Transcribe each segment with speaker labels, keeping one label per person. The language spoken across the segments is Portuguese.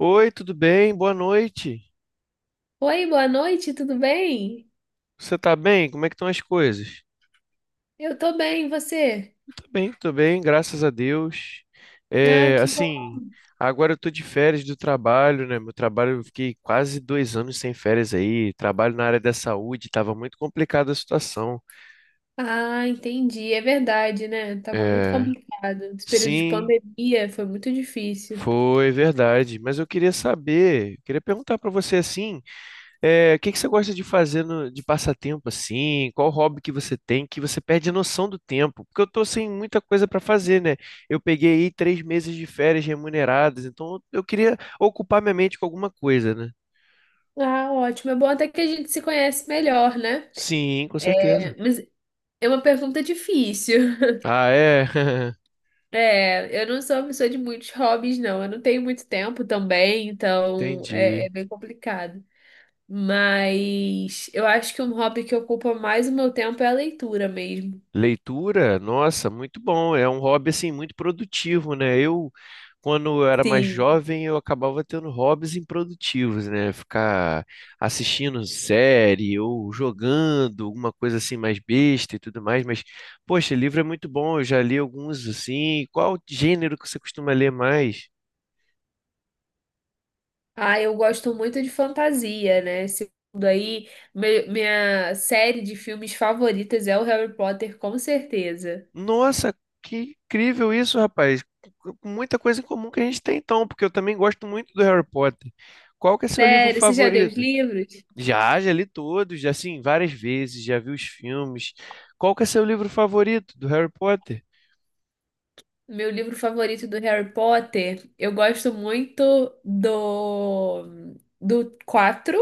Speaker 1: Oi, tudo bem? Boa noite.
Speaker 2: Oi, boa noite, tudo bem?
Speaker 1: Você tá bem? Como é que estão as coisas?
Speaker 2: Eu tô bem, e você?
Speaker 1: Eu tô bem, graças a Deus.
Speaker 2: Ah,
Speaker 1: É,
Speaker 2: que bom.
Speaker 1: assim, agora eu tô de férias do trabalho, né? Meu trabalho, eu fiquei quase 2 anos sem férias aí. Trabalho na área da saúde, tava muito complicada a situação.
Speaker 2: Ah, entendi, é verdade, né? Tava muito
Speaker 1: É,
Speaker 2: complicado. Esse período de
Speaker 1: sim,
Speaker 2: pandemia foi muito difícil.
Speaker 1: foi verdade. Mas eu queria perguntar pra você assim. É, o que que você gosta de fazer de passatempo assim? Qual hobby que você tem que você perde a noção do tempo? Porque eu tô sem muita coisa para fazer, né? Eu peguei aí 3 meses de férias remuneradas, então eu queria ocupar minha mente com alguma coisa, né?
Speaker 2: Ah, ótimo. É bom até que a gente se conhece melhor, né?
Speaker 1: Sim, com
Speaker 2: É,
Speaker 1: certeza.
Speaker 2: mas é uma pergunta difícil.
Speaker 1: Ah, é?
Speaker 2: É, eu não sou uma pessoa de muitos hobbies, não. Eu não tenho muito tempo também, então é
Speaker 1: Entendi.
Speaker 2: bem complicado. Mas eu acho que um hobby que ocupa mais o meu tempo é a leitura mesmo.
Speaker 1: Leitura, nossa, muito bom. É um hobby assim muito produtivo, né? Quando eu era mais
Speaker 2: Sim.
Speaker 1: jovem, eu acabava tendo hobbies improdutivos, né? Ficar assistindo série ou jogando, alguma coisa assim mais besta e tudo mais. Mas, poxa, livro é muito bom. Eu já li alguns assim. Qual gênero que você costuma ler mais?
Speaker 2: Ah, eu gosto muito de fantasia, né? Esse mundo aí, minha série de filmes favoritas é o Harry Potter, com certeza.
Speaker 1: Nossa, que incrível isso, rapaz. Com muita coisa em comum que a gente tem então, porque eu também gosto muito do Harry Potter. Qual que é seu livro
Speaker 2: Sério, você já leu os
Speaker 1: favorito?
Speaker 2: livros?
Speaker 1: Já, já li todos, já, assim, várias vezes, já vi os filmes. Qual que é seu livro favorito do Harry Potter?
Speaker 2: Meu livro favorito do Harry Potter, eu gosto muito do do 4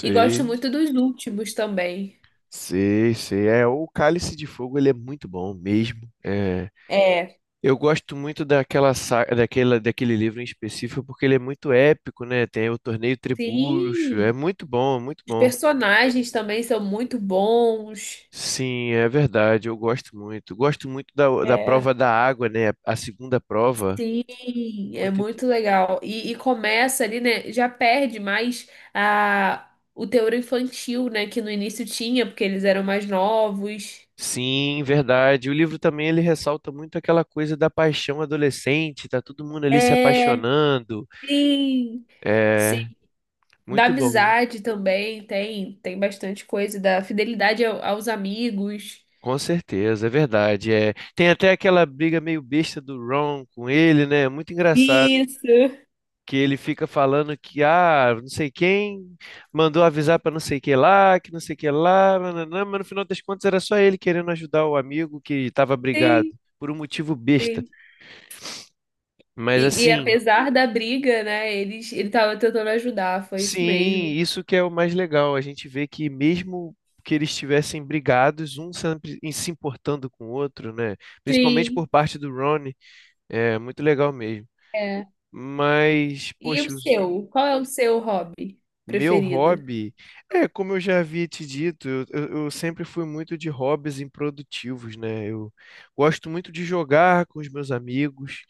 Speaker 2: e gosto muito dos últimos também.
Speaker 1: sei, sei. É, o Cálice de Fogo, ele é muito bom mesmo. É,
Speaker 2: É,
Speaker 1: eu gosto muito daquele livro em específico porque ele é muito épico, né? Tem o Torneio Tribruxo, é
Speaker 2: sim.
Speaker 1: muito bom, muito
Speaker 2: Os
Speaker 1: bom.
Speaker 2: personagens também são muito bons.
Speaker 1: Sim, é verdade, eu gosto muito. Gosto muito da, da
Speaker 2: É.
Speaker 1: prova da água, né? A segunda prova,
Speaker 2: Sim, é
Speaker 1: muito
Speaker 2: muito legal. E começa ali, né? Já perde mais a, o teor infantil, né? Que no início tinha, porque eles eram mais novos.
Speaker 1: Sim, verdade. O livro também ele ressalta muito aquela coisa da paixão adolescente, tá todo mundo ali se
Speaker 2: É,
Speaker 1: apaixonando.
Speaker 2: sim,
Speaker 1: É
Speaker 2: sim. Da
Speaker 1: muito bom.
Speaker 2: amizade também tem bastante coisa, da fidelidade aos amigos.
Speaker 1: Com certeza, é verdade. É, tem até aquela briga meio besta do Ron com ele, né? Muito engraçado
Speaker 2: Isso.
Speaker 1: que ele fica falando que ah, não sei quem mandou avisar pra não sei que lá, que não sei que lá, nananã, mas no final das contas era só ele querendo ajudar o amigo que estava brigado
Speaker 2: Sim,
Speaker 1: por um motivo besta.
Speaker 2: sim.
Speaker 1: Mas
Speaker 2: E
Speaker 1: assim,
Speaker 2: apesar da briga, né? Ele tava tentando ajudar, foi isso
Speaker 1: sim,
Speaker 2: mesmo.
Speaker 1: isso que é o mais legal. A gente vê que mesmo que eles estivessem brigados, um sempre se importando com o outro, né? Principalmente
Speaker 2: Sim.
Speaker 1: por parte do Ron, é muito legal mesmo. Mas,
Speaker 2: E o
Speaker 1: poxa,
Speaker 2: seu? Qual é o seu hobby
Speaker 1: meu
Speaker 2: preferido?
Speaker 1: hobby, é como eu já havia te dito, eu sempre fui muito de hobbies improdutivos, né? Eu gosto muito de jogar com os meus amigos,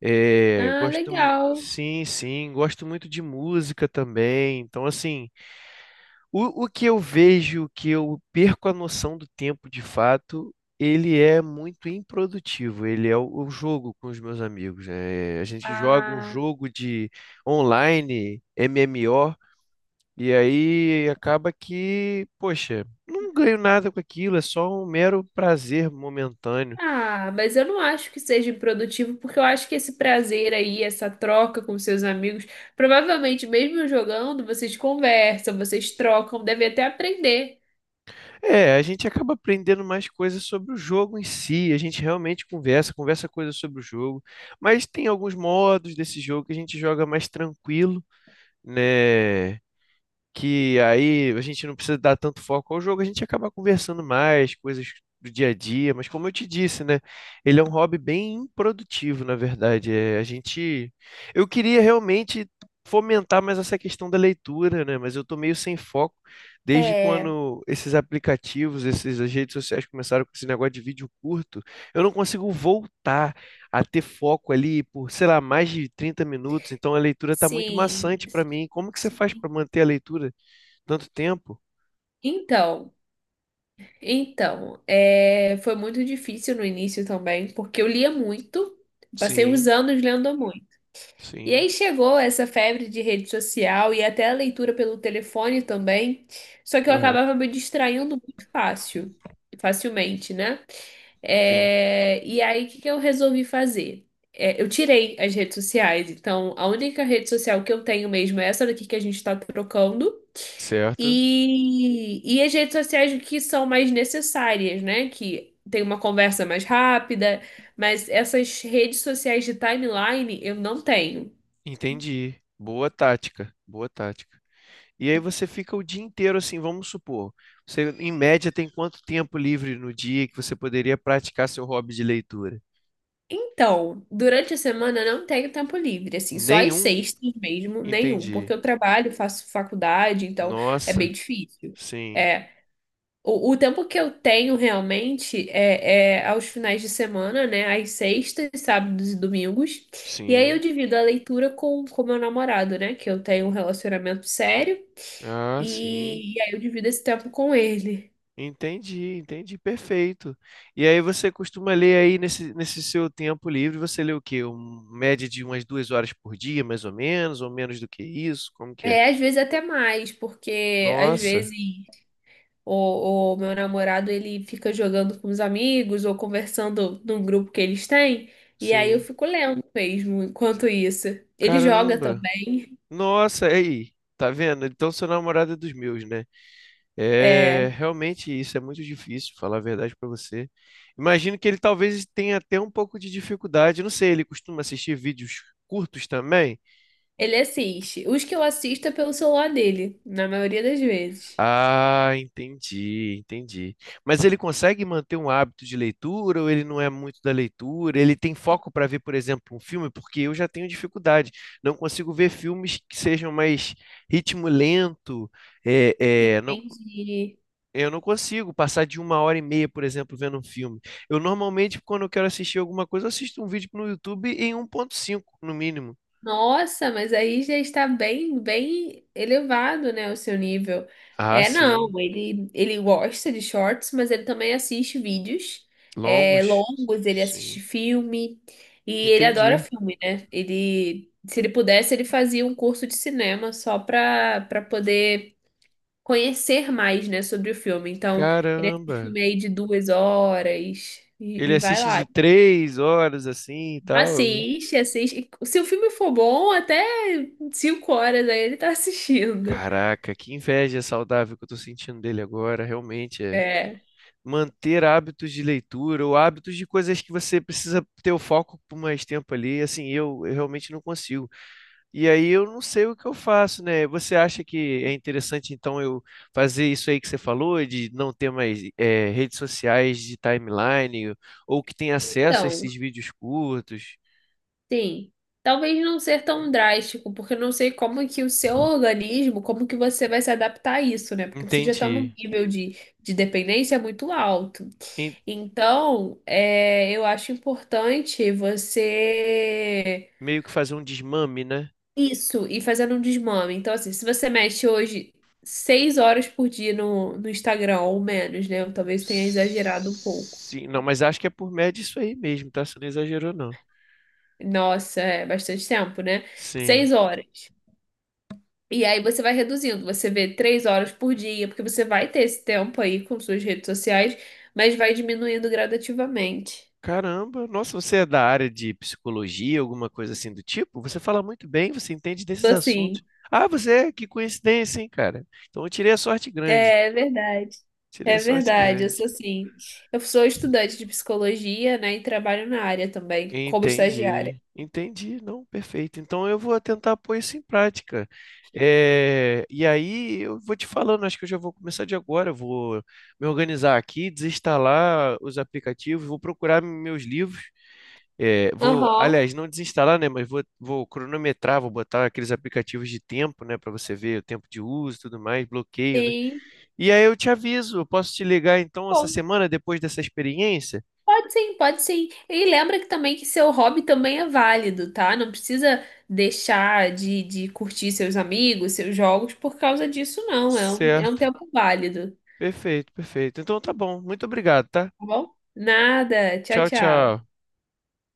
Speaker 2: Ah, legal.
Speaker 1: sim, sim, gosto muito de música também. Então, assim, o que eu vejo, que eu perco a noção do tempo de fato, ele é muito improdutivo. Ele é o jogo com os meus amigos, né? A gente joga um
Speaker 2: Ah,
Speaker 1: jogo de online, MMO, e aí acaba que, poxa, não ganho nada com aquilo, é só um mero prazer momentâneo.
Speaker 2: ah, mas eu não acho que seja improdutivo, porque eu acho que esse prazer aí, essa troca com seus amigos, provavelmente mesmo jogando, vocês conversam, vocês trocam, devem até aprender.
Speaker 1: É, a gente acaba aprendendo mais coisas sobre o jogo em si, a gente realmente conversa, coisas sobre o jogo, mas tem alguns modos desse jogo que a gente joga mais tranquilo, né? Que aí a gente não precisa dar tanto foco ao jogo, a gente acaba conversando mais, coisas do dia a dia, mas como eu te disse, né? Ele é um hobby bem improdutivo, na verdade. É, a gente. Eu queria realmente fomentar mais essa questão da leitura, né? Mas eu tô meio sem foco desde
Speaker 2: É,
Speaker 1: quando esses aplicativos, essas redes sociais começaram com esse negócio de vídeo curto, eu não consigo voltar a ter foco ali por, sei lá, mais de 30 minutos. Então a leitura está muito
Speaker 2: sim.
Speaker 1: maçante para mim. Como que você faz
Speaker 2: Sim.
Speaker 1: para manter a leitura tanto tempo?
Speaker 2: Então, então, foi muito difícil no início também, porque eu lia muito, passei uns
Speaker 1: Sim,
Speaker 2: anos lendo muito. E
Speaker 1: sim,
Speaker 2: aí chegou essa febre de rede social e até a leitura pelo telefone também, só que eu
Speaker 1: correto.
Speaker 2: acabava me distraindo muito fácil, facilmente, né?
Speaker 1: Sim,
Speaker 2: É, e aí, o que que eu resolvi fazer? É, eu tirei as redes sociais, então a única rede social que eu tenho mesmo é essa daqui que a gente está trocando.
Speaker 1: certo.
Speaker 2: E as redes sociais que são mais necessárias, né? Que tem uma conversa mais rápida, mas essas redes sociais de timeline eu não tenho.
Speaker 1: Entendi. Boa tática, boa tática. E aí você fica o dia inteiro assim, vamos supor, você em média tem quanto tempo livre no dia que você poderia praticar seu hobby de leitura?
Speaker 2: Então, durante a semana eu não tenho tempo livre, assim, só às
Speaker 1: Nenhum?
Speaker 2: sextas mesmo, nenhum,
Speaker 1: Entendi.
Speaker 2: porque eu trabalho, faço faculdade, então é bem
Speaker 1: Nossa,
Speaker 2: difícil.
Speaker 1: sim,
Speaker 2: É, o tempo que eu tenho realmente é aos finais de semana, né, às sextas, sábados e domingos, e aí eu
Speaker 1: sim.
Speaker 2: divido a leitura com o meu namorado, né, que eu tenho um relacionamento sério,
Speaker 1: Ah, sim.
Speaker 2: e aí eu divido esse tempo com ele.
Speaker 1: Entendi, entendi, perfeito. E aí você costuma ler aí nesse, nesse seu tempo livre, você lê o quê? Média de umas 2 horas por dia, mais ou menos do que isso? Como que é?
Speaker 2: É, às vezes até mais, porque às
Speaker 1: Nossa,
Speaker 2: vezes, ou, ou meu namorado ele fica jogando com os amigos ou conversando num grupo que eles têm, e aí eu
Speaker 1: sim.
Speaker 2: fico lendo mesmo enquanto isso. Ele joga
Speaker 1: Caramba.
Speaker 2: também,
Speaker 1: Nossa, aí, tá vendo? Então sua namorada é dos meus, né? É,
Speaker 2: é,
Speaker 1: realmente isso é muito difícil, falar a verdade pra você. Imagino que ele talvez tenha até um pouco de dificuldade, não sei, ele costuma assistir vídeos curtos também?
Speaker 2: ele assiste. Os que eu assisto é pelo celular dele, na maioria das vezes.
Speaker 1: Ah, entendi, entendi. Mas ele consegue manter um hábito de leitura ou ele não é muito da leitura? Ele tem foco para ver, por exemplo, um filme? Porque eu já tenho dificuldade. Não consigo ver filmes que sejam mais ritmo lento. É, é, não,
Speaker 2: Entendi.
Speaker 1: eu não consigo passar de uma hora e meia, por exemplo, vendo um filme. Eu normalmente, quando eu quero assistir alguma coisa, eu assisto um vídeo no YouTube em 1,5 no mínimo.
Speaker 2: Nossa, mas aí já está bem, bem elevado, né, o seu nível.
Speaker 1: Ah,
Speaker 2: É, não,
Speaker 1: sim.
Speaker 2: ele gosta de shorts, mas ele também assiste vídeos
Speaker 1: Longos?
Speaker 2: longos, ele
Speaker 1: Sim.
Speaker 2: assiste filme e ele adora
Speaker 1: Entendi.
Speaker 2: filme, né? Ele, se ele pudesse, ele fazia um curso de cinema só para poder conhecer mais, né, sobre o filme. Então, ele assiste
Speaker 1: Caramba.
Speaker 2: filme aí de 2 horas e,
Speaker 1: Ele
Speaker 2: e vai
Speaker 1: assiste
Speaker 2: lá.
Speaker 1: de 3 horas assim e tal.
Speaker 2: Assiste, assiste. Se o filme for bom, até 5 horas aí ele tá assistindo.
Speaker 1: Caraca, que inveja saudável que eu tô sentindo dele agora, realmente é.
Speaker 2: É.
Speaker 1: Manter hábitos de leitura ou hábitos de coisas que você precisa ter o foco por mais tempo ali, assim, eu realmente não consigo. E aí eu não sei o que eu faço, né? Você acha que é interessante, então, eu fazer isso aí que você falou, de não ter mais redes sociais de timeline, ou que tem acesso a
Speaker 2: Então,
Speaker 1: esses vídeos curtos?
Speaker 2: sim. Talvez não ser tão drástico, porque eu não sei como que o seu organismo, como que você vai se adaptar a isso, né? Porque você já tá num
Speaker 1: Entendi.
Speaker 2: nível de dependência muito alto. Então, eu acho importante você.
Speaker 1: Meio que fazer um desmame, né?
Speaker 2: Isso, e fazendo um desmame. Então, assim, se você mexe hoje 6 horas por dia no Instagram, ou menos, né? Eu talvez tenha exagerado um pouco.
Speaker 1: Sim, não, mas acho que é por média isso aí mesmo, tá? Você não exagerou, não.
Speaker 2: Nossa, é bastante tempo, né?
Speaker 1: Sim.
Speaker 2: 6 horas. E aí você vai reduzindo, você vê 3 horas por dia, porque você vai ter esse tempo aí com suas redes sociais, mas vai diminuindo gradativamente.
Speaker 1: Caramba, nossa, você é da área de psicologia, alguma coisa assim do tipo? Você fala muito bem, você entende desses
Speaker 2: Sou assim.
Speaker 1: assuntos. Ah, você é? Que coincidência, hein, cara? Então eu tirei a sorte grande.
Speaker 2: É verdade.
Speaker 1: Tirei a
Speaker 2: É
Speaker 1: sorte
Speaker 2: verdade, eu
Speaker 1: grande.
Speaker 2: sou assim. Eu sou estudante de psicologia, né? E trabalho na área também, como estagiária.
Speaker 1: Entendi, entendi, não, perfeito. Então eu vou tentar pôr isso em prática. É, e aí eu vou te falando, acho que eu já vou começar de agora. Eu Vou me organizar aqui, desinstalar os aplicativos, vou procurar meus livros. É, vou,
Speaker 2: Aham.
Speaker 1: aliás, não desinstalar, né? Mas vou cronometrar, vou botar aqueles aplicativos de tempo, né? Para você ver o tempo de uso, e tudo mais, bloqueio, né?
Speaker 2: Sim.
Speaker 1: E aí eu te aviso, eu posso te ligar então essa
Speaker 2: Bom,
Speaker 1: semana depois dessa experiência?
Speaker 2: pode sim, pode sim. E lembra que também que seu hobby também é válido, tá? Não precisa deixar de curtir seus amigos, seus jogos por causa disso, não. É um
Speaker 1: Certo.
Speaker 2: tempo válido,
Speaker 1: Perfeito, perfeito. Então tá bom. Muito obrigado, tá?
Speaker 2: tá bom? Nada. Tchau,
Speaker 1: Tchau, tchau.
Speaker 2: tchau.